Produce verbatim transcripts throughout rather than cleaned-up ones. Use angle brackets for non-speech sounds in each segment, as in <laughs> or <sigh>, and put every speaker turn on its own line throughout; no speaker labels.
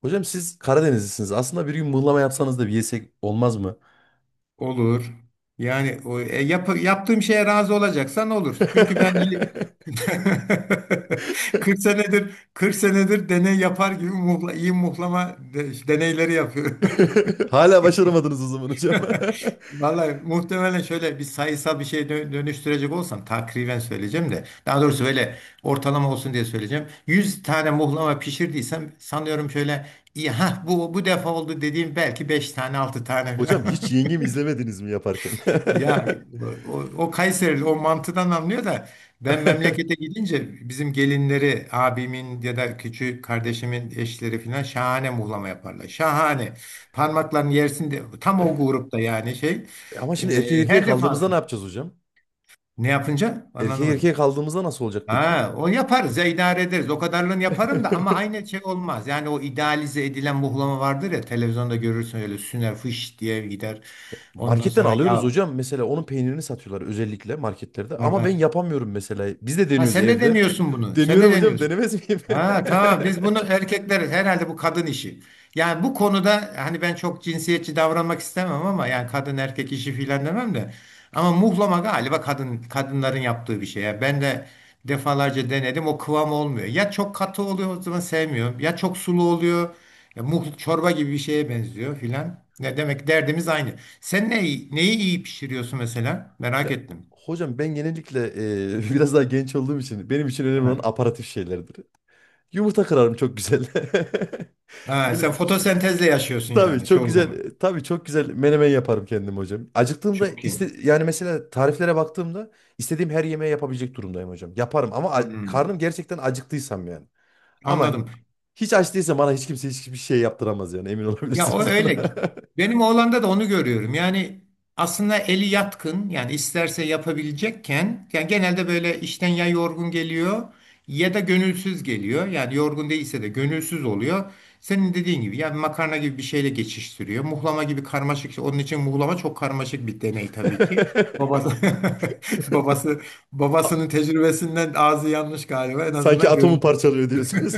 Hocam siz Karadenizlisiniz. Aslında bir gün mıhlama yapsanız da bir yesek olmaz mı?
Olur. Yani o, e, yap- yaptığım şeye razı olacaksan olur. Çünkü ben y- <laughs> kırk
<laughs>
senedir kırk senedir deney yapar gibi muhla, iyi muhlama de- deneyleri yapıyorum.
Hala başaramadınız o zaman hocam.
<laughs> Vallahi muhtemelen şöyle bir sayısal bir şeye dö- dönüştürecek olsam takriben söyleyeceğim de daha doğrusu böyle ortalama olsun diye söyleyeceğim. yüz tane muhlama pişirdiysem sanıyorum şöyle iyi ha bu bu defa oldu dediğim belki beş tane altı
<laughs>
tane
Hocam
falan.
hiç
<laughs>
yengemi izlemediniz mi yaparken?
Ya
<laughs>
o, o Kayserili o mantıdan anlıyor da ben memlekete gidince bizim gelinleri abimin ya da küçük kardeşimin eşleri falan şahane muhlama yaparlar. Şahane. Parmaklarını yersin de tam o grupta yani şey.
E Ama şimdi erkek
E,
erkeğe
her
kaldığımızda ne
defasında.
yapacağız hocam?
Ne yapınca?
Erkek erkeğe
Anlamadım.
kaldığımızda nasıl olacak peki?
Ha, o yaparız ya idare ederiz. O kadarını yaparım da ama
<laughs>
aynı şey olmaz. Yani o idealize edilen muhlama vardır ya televizyonda görürsün öyle süner fış diye gider. Ondan
Marketten
sonra
alıyoruz
ya
hocam. Mesela onun peynirini satıyorlar özellikle marketlerde.
var
Ama ben
var.
yapamıyorum mesela. Biz de
Ha,
deniyoruz
sen de
evde.
deniyorsun bunu. Sen de
Deniyorum hocam,
deniyorsun.
denemez miyim?
Ha tamam, biz bunu
<laughs>
erkekler herhalde, bu kadın işi. Yani bu konuda hani ben çok cinsiyetçi davranmak istemem ama yani kadın erkek işi filan demem de. Ama muhlama galiba kadın kadınların yaptığı bir şey. Yani ben de defalarca denedim o kıvam olmuyor. Ya çok katı oluyor o zaman sevmiyorum. Ya çok sulu oluyor. Ya muhl çorba gibi bir şeye benziyor filan. Ne demek, derdimiz aynı. Sen neyi, neyi iyi pişiriyorsun mesela? Merak
Ya
ettim.
hocam, ben genellikle e, <laughs> biraz daha genç olduğum için benim için önemli olan aparatif şeylerdir. Yumurta kırarım, çok güzel. <laughs>
Ha,
Böyle
sen
ç-
fotosentezle yaşıyorsun
tabii
yani
çok
çoğu zaman.
güzel, tabii çok güzel menemen yaparım kendim hocam. Acıktığımda
Çok iyi.
iste, yani mesela tariflere baktığımda istediğim her yemeği yapabilecek durumdayım hocam. Yaparım ama a-
Hmm,
karnım gerçekten acıktıysam yani. Ama
anladım.
hiç aç değilsem bana hiç kimse hiçbir şey yaptıramaz yani, emin
Ya o
olabilirsiniz buna. <laughs>
öyle. Benim oğlanda da onu görüyorum. Yani aslında eli yatkın, yani isterse yapabilecekken, yani genelde böyle işten ya yorgun geliyor ya da gönülsüz geliyor. Yani yorgun değilse de gönülsüz oluyor. Senin dediğin gibi yani makarna gibi bir şeyle geçiştiriyor. Muhlama gibi karmaşık. şey, Onun için muhlama çok karmaşık bir deney tabii ki. Babası <laughs> babası
A-
babasının tecrübesinden ağzı yanmış galiba, en
Sanki
azından
atomu
görüntü. <laughs>
parçalıyor diyorsunuz.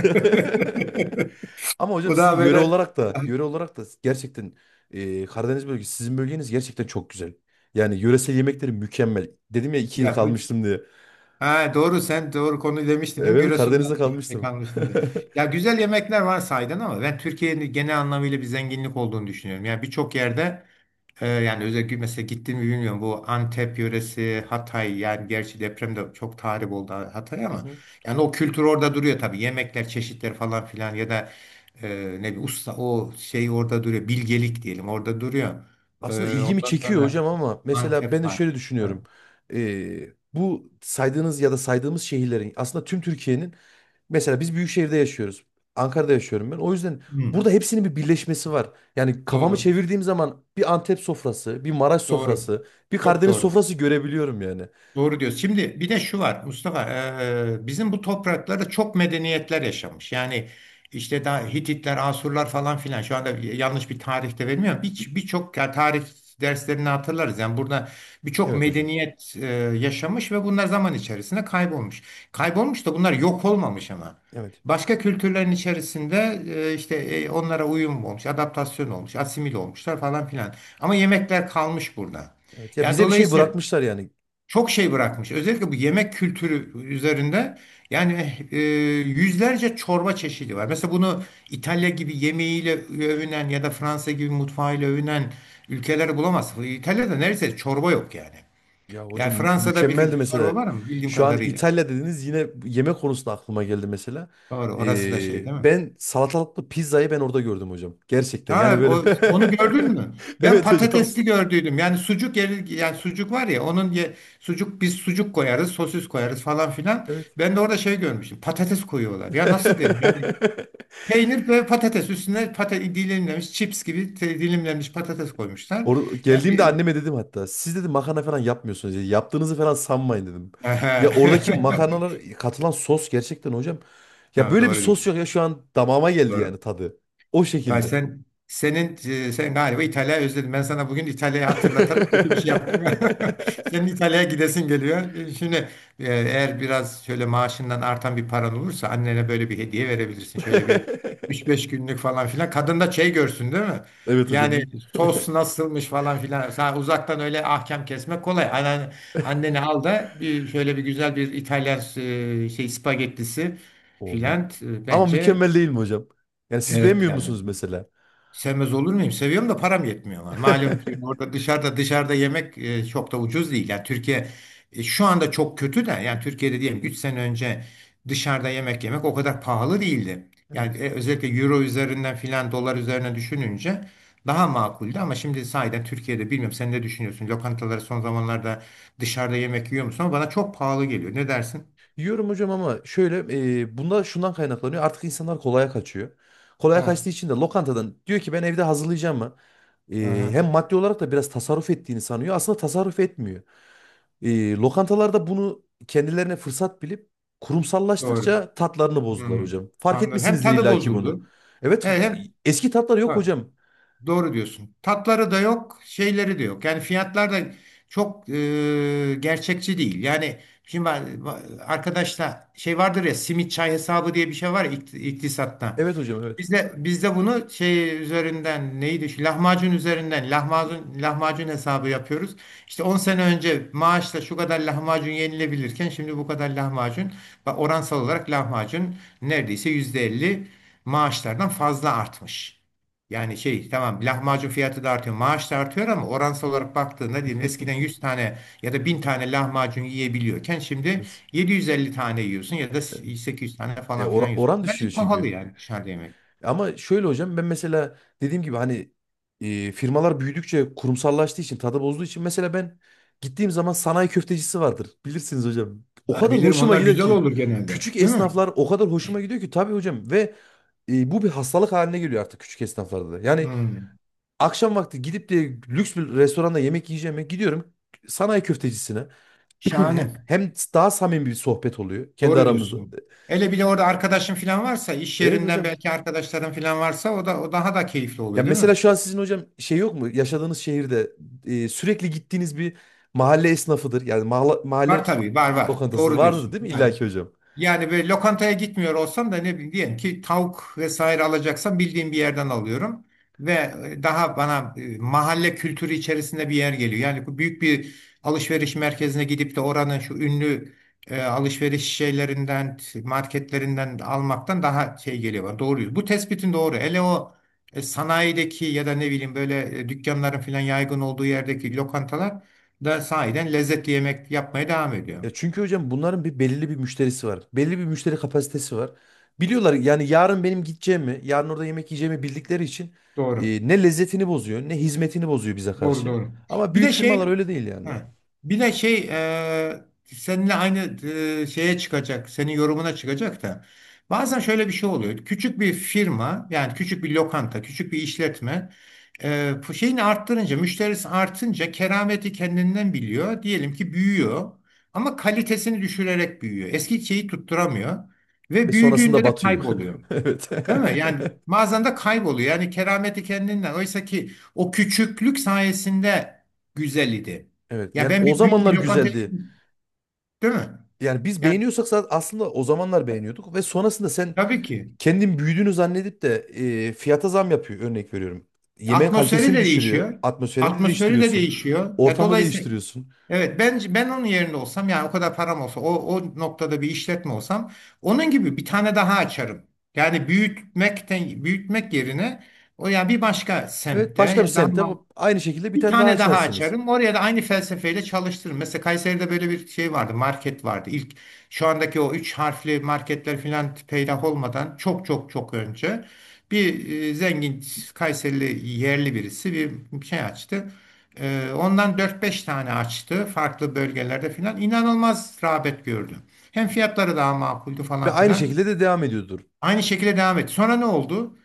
<laughs> Ama hocam
Bu
sizin
daha
yöre
böyle
olarak da yöre olarak da gerçekten e, Karadeniz bölgesi, sizin bölgeniz gerçekten çok güzel. Yani yöresel yemekleri mükemmel. Dedim ya, iki yıl
ya bu
kalmıştım diye.
Ha, doğru, sen doğru konu demiştin değil mi?
Evet,
Giresun'da
Karadeniz'de
ekmek
kalmıştım.
almıştın diye.
<laughs>
Ya güzel yemekler var sahiden ama ben Türkiye'nin genel anlamıyla bir zenginlik olduğunu düşünüyorum. Yani birçok yerde e, yani özellikle mesela gittim mi bilmiyorum bu Antep yöresi, Hatay, yani gerçi depremde çok tahrip oldu Hatay
Hı
ama
hı.
yani o kültür orada duruyor tabii. Yemekler, çeşitler falan filan, ya da e, ne bileyim, usta o şey orada duruyor. Bilgelik diyelim, orada duruyor.
Aslında
E,
ilgimi
ondan
çekiyor hocam
sonra
ama mesela ben
Antep
de
var.
şöyle
Evet.
düşünüyorum. Ee, bu saydığınız ya da saydığımız şehirlerin aslında tüm Türkiye'nin, mesela biz büyük şehirde yaşıyoruz. Ankara'da yaşıyorum ben. O yüzden
Hı,
burada hepsinin bir birleşmesi var. Yani kafamı
doğru.
çevirdiğim zaman bir Antep sofrası, bir Maraş
Doğru.
sofrası, bir
Çok
Karadeniz
doğru.
sofrası görebiliyorum yani.
Doğru diyorsun. Şimdi bir de şu var Mustafa, eee, bizim bu topraklarda çok medeniyetler yaşamış. Yani işte daha Hititler, Asurlar falan filan, şu anda yanlış bir tarihte vermiyorum. Bir- Birçok yani, tarih derslerini hatırlarız. Yani burada birçok
Evet hocam.
medeniyet eee, yaşamış ve bunlar zaman içerisinde kaybolmuş. Kaybolmuş da bunlar yok olmamış ama.
Evet.
Başka kültürlerin içerisinde eee, işte eee, onlara uyum olmuş, adaptasyon olmuş, asimil olmuşlar falan filan. Ama yemekler kalmış burada.
Evet. Ya
Yani
bize bir şey
dolayısıyla
bırakmışlar yani.
çok şey bırakmış. Özellikle bu yemek kültürü üzerinde, yani eh, e, yüzlerce çorba çeşidi var. Mesela bunu İtalya gibi yemeğiyle övünen ya da Fransa gibi mutfağıyla övünen ülkeler bulamazsın. İtalya'da neredeyse çorba yok yani.
Ya hocam,
Yani Fransa'da bir
mükemmeldi
çorba
mesela.
var mı bildiğim
Şu an
kadarıyla?
İtalya dediniz, yine yemek konusunda aklıma geldi mesela.
Doğru, orası da şey
Ee,
değil mi?
ben salatalıklı pizzayı ben orada gördüm hocam. Gerçekten yani,
Ha,
böyle.
o, onu gördün mü?
<laughs>
Ben
Evet hocam.
patatesli gördüydüm. Yani sucuk yeri, yani sucuk var ya onun ye, sucuk, biz sucuk koyarız, sosis koyarız falan filan.
Evet.
Ben de orada şey görmüştüm. Patates koyuyorlar. Ya nasıl dedim? Yani
<laughs>
peynir ve patates üstüne patates, dilimlenmiş chips gibi te- dilimlenmiş patates koymuşlar.
Or
Yani
geldiğimde
bir...
anneme dedim hatta. Siz, dedim, makarna falan yapmıyorsunuz, dedi. Yaptığınızı falan sanmayın, dedim. Ya oradaki makarnalar,
<laughs>
katılan sos gerçekten hocam. Ya
Ha, <laughs>
böyle bir
doğru
sos
diyorsun.
yok, ya şu an damağıma geldi
Doğru.
yani tadı. O
Vay
şekilde.
sen senin e, sen galiba İtalya'yı özledin. Ben sana bugün İtalya'yı hatırlatarak kötü bir şey yaptım. <laughs>
<laughs>
Senin İtalya'ya gidesin geliyor. E, Şimdi e, eğer biraz şöyle maaşından artan bir paran olursa annene böyle bir hediye verebilirsin. Şöyle bir üç beş
<laughs>
günlük falan filan. Kadın da şey görsün değil mi?
Evet hocam.
Yani
İyi.
sos nasılmış falan filan. Sen uzaktan öyle ahkam kesmek kolay. Annen, anneni al da bir şöyle bir güzel bir İtalyan e, şey spagettisi
O, mü-
filan, e,
ama
bence.
mükemmel değil mi hocam? Yani siz
Evet
beğenmiyor
yani.
musunuz mesela?
Sevmez olur muyum? Seviyorum da param yetmiyor ama. Malum ki
<laughs>
orada dışarıda dışarıda yemek e, çok da ucuz değil. Yani Türkiye e, şu anda çok kötü de, yani Türkiye'de diyelim üç sene önce dışarıda yemek yemek o kadar pahalı değildi. Yani
Evet.
e, özellikle euro üzerinden filan, dolar üzerine düşününce daha makuldü, ama şimdi sahiden Türkiye'de bilmiyorum, sen ne düşünüyorsun? Lokantaları son zamanlarda dışarıda yemek yiyor musun? Ama bana çok pahalı geliyor. Ne dersin?
Yiyorum hocam ama şöyle, e, bunda şundan kaynaklanıyor. Artık insanlar kolaya kaçıyor. Kolaya
Ha,
kaçtığı için de lokantadan diyor ki ben evde hazırlayacağım mı? E,
aha,
hem maddi olarak da biraz tasarruf ettiğini sanıyor. Aslında tasarruf etmiyor. E, lokantalarda bunu kendilerine fırsat bilip
doğru.
kurumsallaştıkça tatlarını bozdular
Hmm,
hocam. Fark
anladım. Hem
etmişsinizdir
tadı
illaki bunu.
bozuldu.
Evet,
He, hem
eski tatlar yok hocam.
doğru diyorsun. Tatları da yok, şeyleri de yok. Yani fiyatlar da çok e, gerçekçi değil. Yani şimdi ben arkadaşla şey vardır ya, simit çay hesabı diye bir şey var ya ikt- iktisatta.
Evet hocam, evet.
Bizde bizde bunu şey üzerinden, neydi, şu lahmacun üzerinden lahmacun lahmacun hesabı yapıyoruz. İşte on sene önce maaşla şu kadar lahmacun yenilebilirken şimdi bu kadar lahmacun, bak oransal olarak lahmacun neredeyse yüzde elli maaşlardan fazla artmış. Yani şey, tamam lahmacun fiyatı da artıyor, maaş da artıyor, ama oransal olarak baktığında, diyelim eskiden
<laughs>
yüz tane ya da bin tane lahmacun yiyebiliyorken şimdi
Evet.
yedi yüz elli tane yiyorsun ya da sekiz yüz tane
E,
falan filan
ora-
yiyorsun.
oran
Bence
düşüyor
pahalı
çünkü.
yani dışarıda yemek.
Ama şöyle hocam, ben mesela dediğim gibi hani, e, firmalar büyüdükçe kurumsallaştığı için tadı bozduğu için mesela ben gittiğim zaman sanayi köftecisi vardır. Bilirsiniz hocam. O
Ha,
kadar
bilirim,
hoşuma
onlar
gider
güzel
ki
olur genelde.
küçük
Değil mi?
esnaflar, o kadar hoşuma gidiyor ki tabii hocam, ve e, bu bir hastalık haline geliyor artık küçük esnaflarda da. Yani
Hmm,
akşam vakti gidip de lüks bir restoranda yemek yiyeceğime gidiyorum sanayi köftecisine. <clears throat>
şahane.
Hem daha samimi bir sohbet oluyor kendi
Doğru
aramızda.
diyorsun. Hele bir de orada arkadaşın falan varsa, iş
Evet
yerinden
hocam.
belki arkadaşların falan varsa o da o daha da keyifli
Ya
oluyor değil mi?
mesela şu an sizin hocam şey yok mu? Yaşadığınız şehirde e, sürekli gittiğiniz bir mahalle esnafıdır. Yani mahalle,
Var
mahalle
tabii, var var.
lokantası
Doğru
vardır
diyorsun.
değil mi
Var.
illaki hocam?
Yani böyle lokantaya gitmiyor olsam da, ne bileyim, diyelim ki tavuk vesaire alacaksam bildiğim bir yerden alıyorum. Ve e, daha bana e, mahalle kültürü içerisinde bir yer geliyor. Yani bu büyük bir alışveriş merkezine gidip de oranın şu ünlü e, alışveriş şeylerinden, marketlerinden almaktan daha şey geliyor bana. Doğru. Bu tespitin doğru. Hele o e, sanayideki ya da ne bileyim böyle e, dükkanların falan yaygın olduğu yerdeki lokantalar da sahiden lezzetli yemek yapmaya devam ediyor.
Ya çünkü hocam bunların bir belirli bir müşterisi var. Belli bir müşteri kapasitesi var. Biliyorlar yani yarın benim gideceğimi, yarın orada yemek yiyeceğimi bildikleri için
Doğru.
e, ne lezzetini bozuyor, ne hizmetini bozuyor bize
Doğru
karşı.
doğru.
Ama
Bir
büyük
de
firmalar
şey,
öyle değil yani.
ha, bir de şey e, seninle aynı e, şeye çıkacak, senin yorumuna çıkacak da, bazen şöyle bir şey oluyor. Küçük bir firma, yani küçük bir lokanta, küçük bir işletme e, bu şeyini arttırınca, müşterisi artınca kerameti kendinden biliyor. Diyelim ki büyüyor ama kalitesini düşürerek büyüyor. Eski şeyi tutturamıyor
Ve
ve
sonrasında
büyüdüğünde de
batıyor.
kayboluyor.
<laughs> Evet.
Değil mi?
<laughs>
Yani bazen de kayboluyor. Yani kerameti kendinden. Oysa ki o küçüklük sayesinde güzel idi.
Evet.
Ya,
Yani
ben
o
bir büyük
zamanlar
bir lokantaya
güzeldi.
gittim. Değil mi?
Yani biz
Yani
beğeniyorsak zaten aslında o zamanlar beğeniyorduk, ve sonrasında sen
tabii ki.
kendin büyüdüğünü zannedip de e, fiyata zam yapıyor, örnek veriyorum. Yemeğin
Atmosferi
kalitesini
de
düşürüyor.
değişiyor.
Atmosferini de
Atmosferi de
değiştiriyorsun.
değişiyor. Ya
Ortamı
dolayısıyla,
değiştiriyorsun.
evet, ben ben onun yerinde olsam, yani o kadar param olsa, o, o noktada bir işletme olsam onun gibi bir tane daha açarım. Yani büyütmekten, büyütmek yerine o ya bir başka
Evet,
semtte
başka bir
ya daha...
semtte bu- aynı şekilde bir
Bir
tane daha
tane daha
açarsınız.
açarım. Oraya da aynı felsefeyle çalıştırırım. Mesela Kayseri'de böyle bir şey vardı. Market vardı. İlk, şu andaki o üç harfli marketler filan peydah olmadan çok çok çok önce bir e, zengin Kayserili yerli birisi bir şey açtı. E, ondan dört beş tane açtı farklı bölgelerde filan. İnanılmaz rağbet gördü. Hem fiyatları daha makuldü
Ve
falan
aynı
filan.
şekilde de devam ediyordur.
Aynı şekilde devam etti. Sonra ne oldu?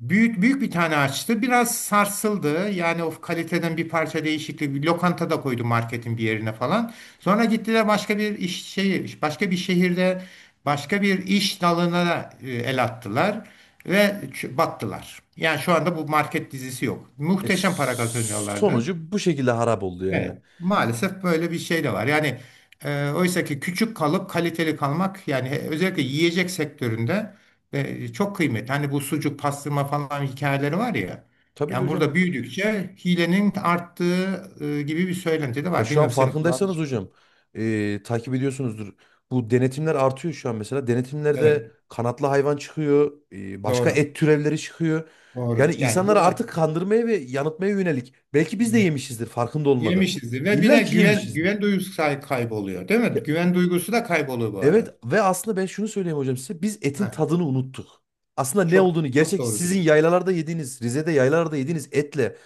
Büyük büyük bir tane açtı. Biraz sarsıldı. Yani o kaliteden bir parça değişiklik. Bir lokanta da koydu marketin bir yerine falan. Sonra gittiler başka bir iş şehir, başka bir şehirde başka bir iş dalına e, el attılar ve ç- battılar. Yani şu anda bu market dizisi yok.
E,
Muhteşem para kazanıyorlardı.
sonucu bu şekilde harap oldu yani.
Evet, maalesef böyle bir şey de var. Yani e, oysa ki küçük kalıp kaliteli kalmak, yani he- özellikle yiyecek sektöründe e, çok kıymetli. Hani bu sucuk, pastırma falan hikayeleri var ya.
Tabii ki
Yani
hocam.
burada büyüdükçe hilenin arttığı e, gibi bir söylenti de
Ya
var.
şu an
Bilmiyorum senin kulağın
farkındaysanız
hiç geliyor mu?
hocam, e, takip ediyorsunuzdur. Bu denetimler artıyor şu an mesela. Denetimlerde
Evet,
kanatlı hayvan çıkıyor. e, başka
doğru.
et türevleri çıkıyor.
Doğru.
Yani
Yani
insanları
bunlar
artık kandırmaya ve yanıltmaya yönelik. Belki biz de yemişizdir farkında olmadan.
yemişizdir, ve bir
İlla
de
ki
güven
yemişizdir.
güven duygusu kay- kayboluyor, değil
Ya,
mi? Güven duygusu da kayboluyor bu
evet
ara.
ve aslında ben şunu söyleyeyim hocam size. Biz etin
Ha,
tadını unuttuk. Aslında ne
çok
olduğunu,
çok
gerçek
doğru
sizin
diyorsun.
yaylalarda yediğiniz, Rize'de yaylalarda yediğiniz etle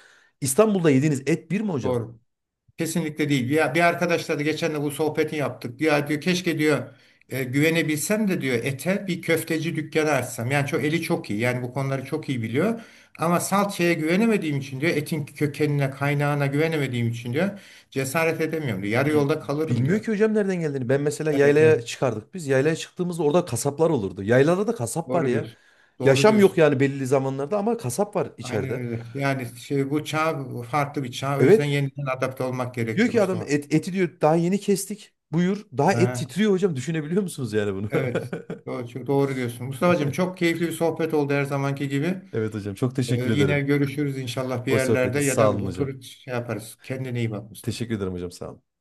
İstanbul'da yediğiniz et bir mi hocam?
Doğru. Kesinlikle değil. Ya, bir arkadaşla da geçen de bu sohbeti yaptık. Ya diyor, keşke diyor e, güvenebilsem de diyor ete, bir köfteci dükkanı açsam. Yani çok eli çok iyi. Yani bu konuları çok iyi biliyor. Ama salçaya güvenemediğim için diyor, etin kökenine, kaynağına güvenemediğim için diyor cesaret edemiyorum diyor. Yarı
Bi-
yolda kalırım
Bilmiyor
diyor.
ki hocam nereden geldiğini. Ben mesela
Evet
yaylaya
evet.
çıkardık biz. Yaylaya çıktığımızda orada kasaplar olurdu. Yaylada da kasap var
Doğru
ya.
diyorsun. Doğru
Yaşam yok
diyorsun.
yani belli zamanlarda, ama kasap var
Aynen
içeride.
öyle. Yani şey, bu çağ farklı bir çağ. O yüzden
Evet,
yeniden adapte olmak
diyor
gerekiyor
ki adam,
Mustafa.
et, eti diyor daha yeni kestik. Buyur. Daha et
Ha.
titriyor hocam. Düşünebiliyor musunuz yani bunu?
Evet. Doğru, çok doğru diyorsun. Mustafa'cığım, çok
<laughs>
keyifli bir sohbet oldu her zamanki gibi.
Evet hocam, çok
Ee,
teşekkür
yine
ederim.
görüşürüz inşallah bir
O
yerlerde,
sohbeti
ya da
sağ olun hocam.
oturup şey yaparız. Kendine iyi bak Mustafa.
Teşekkür ederim hocam, sağ olun.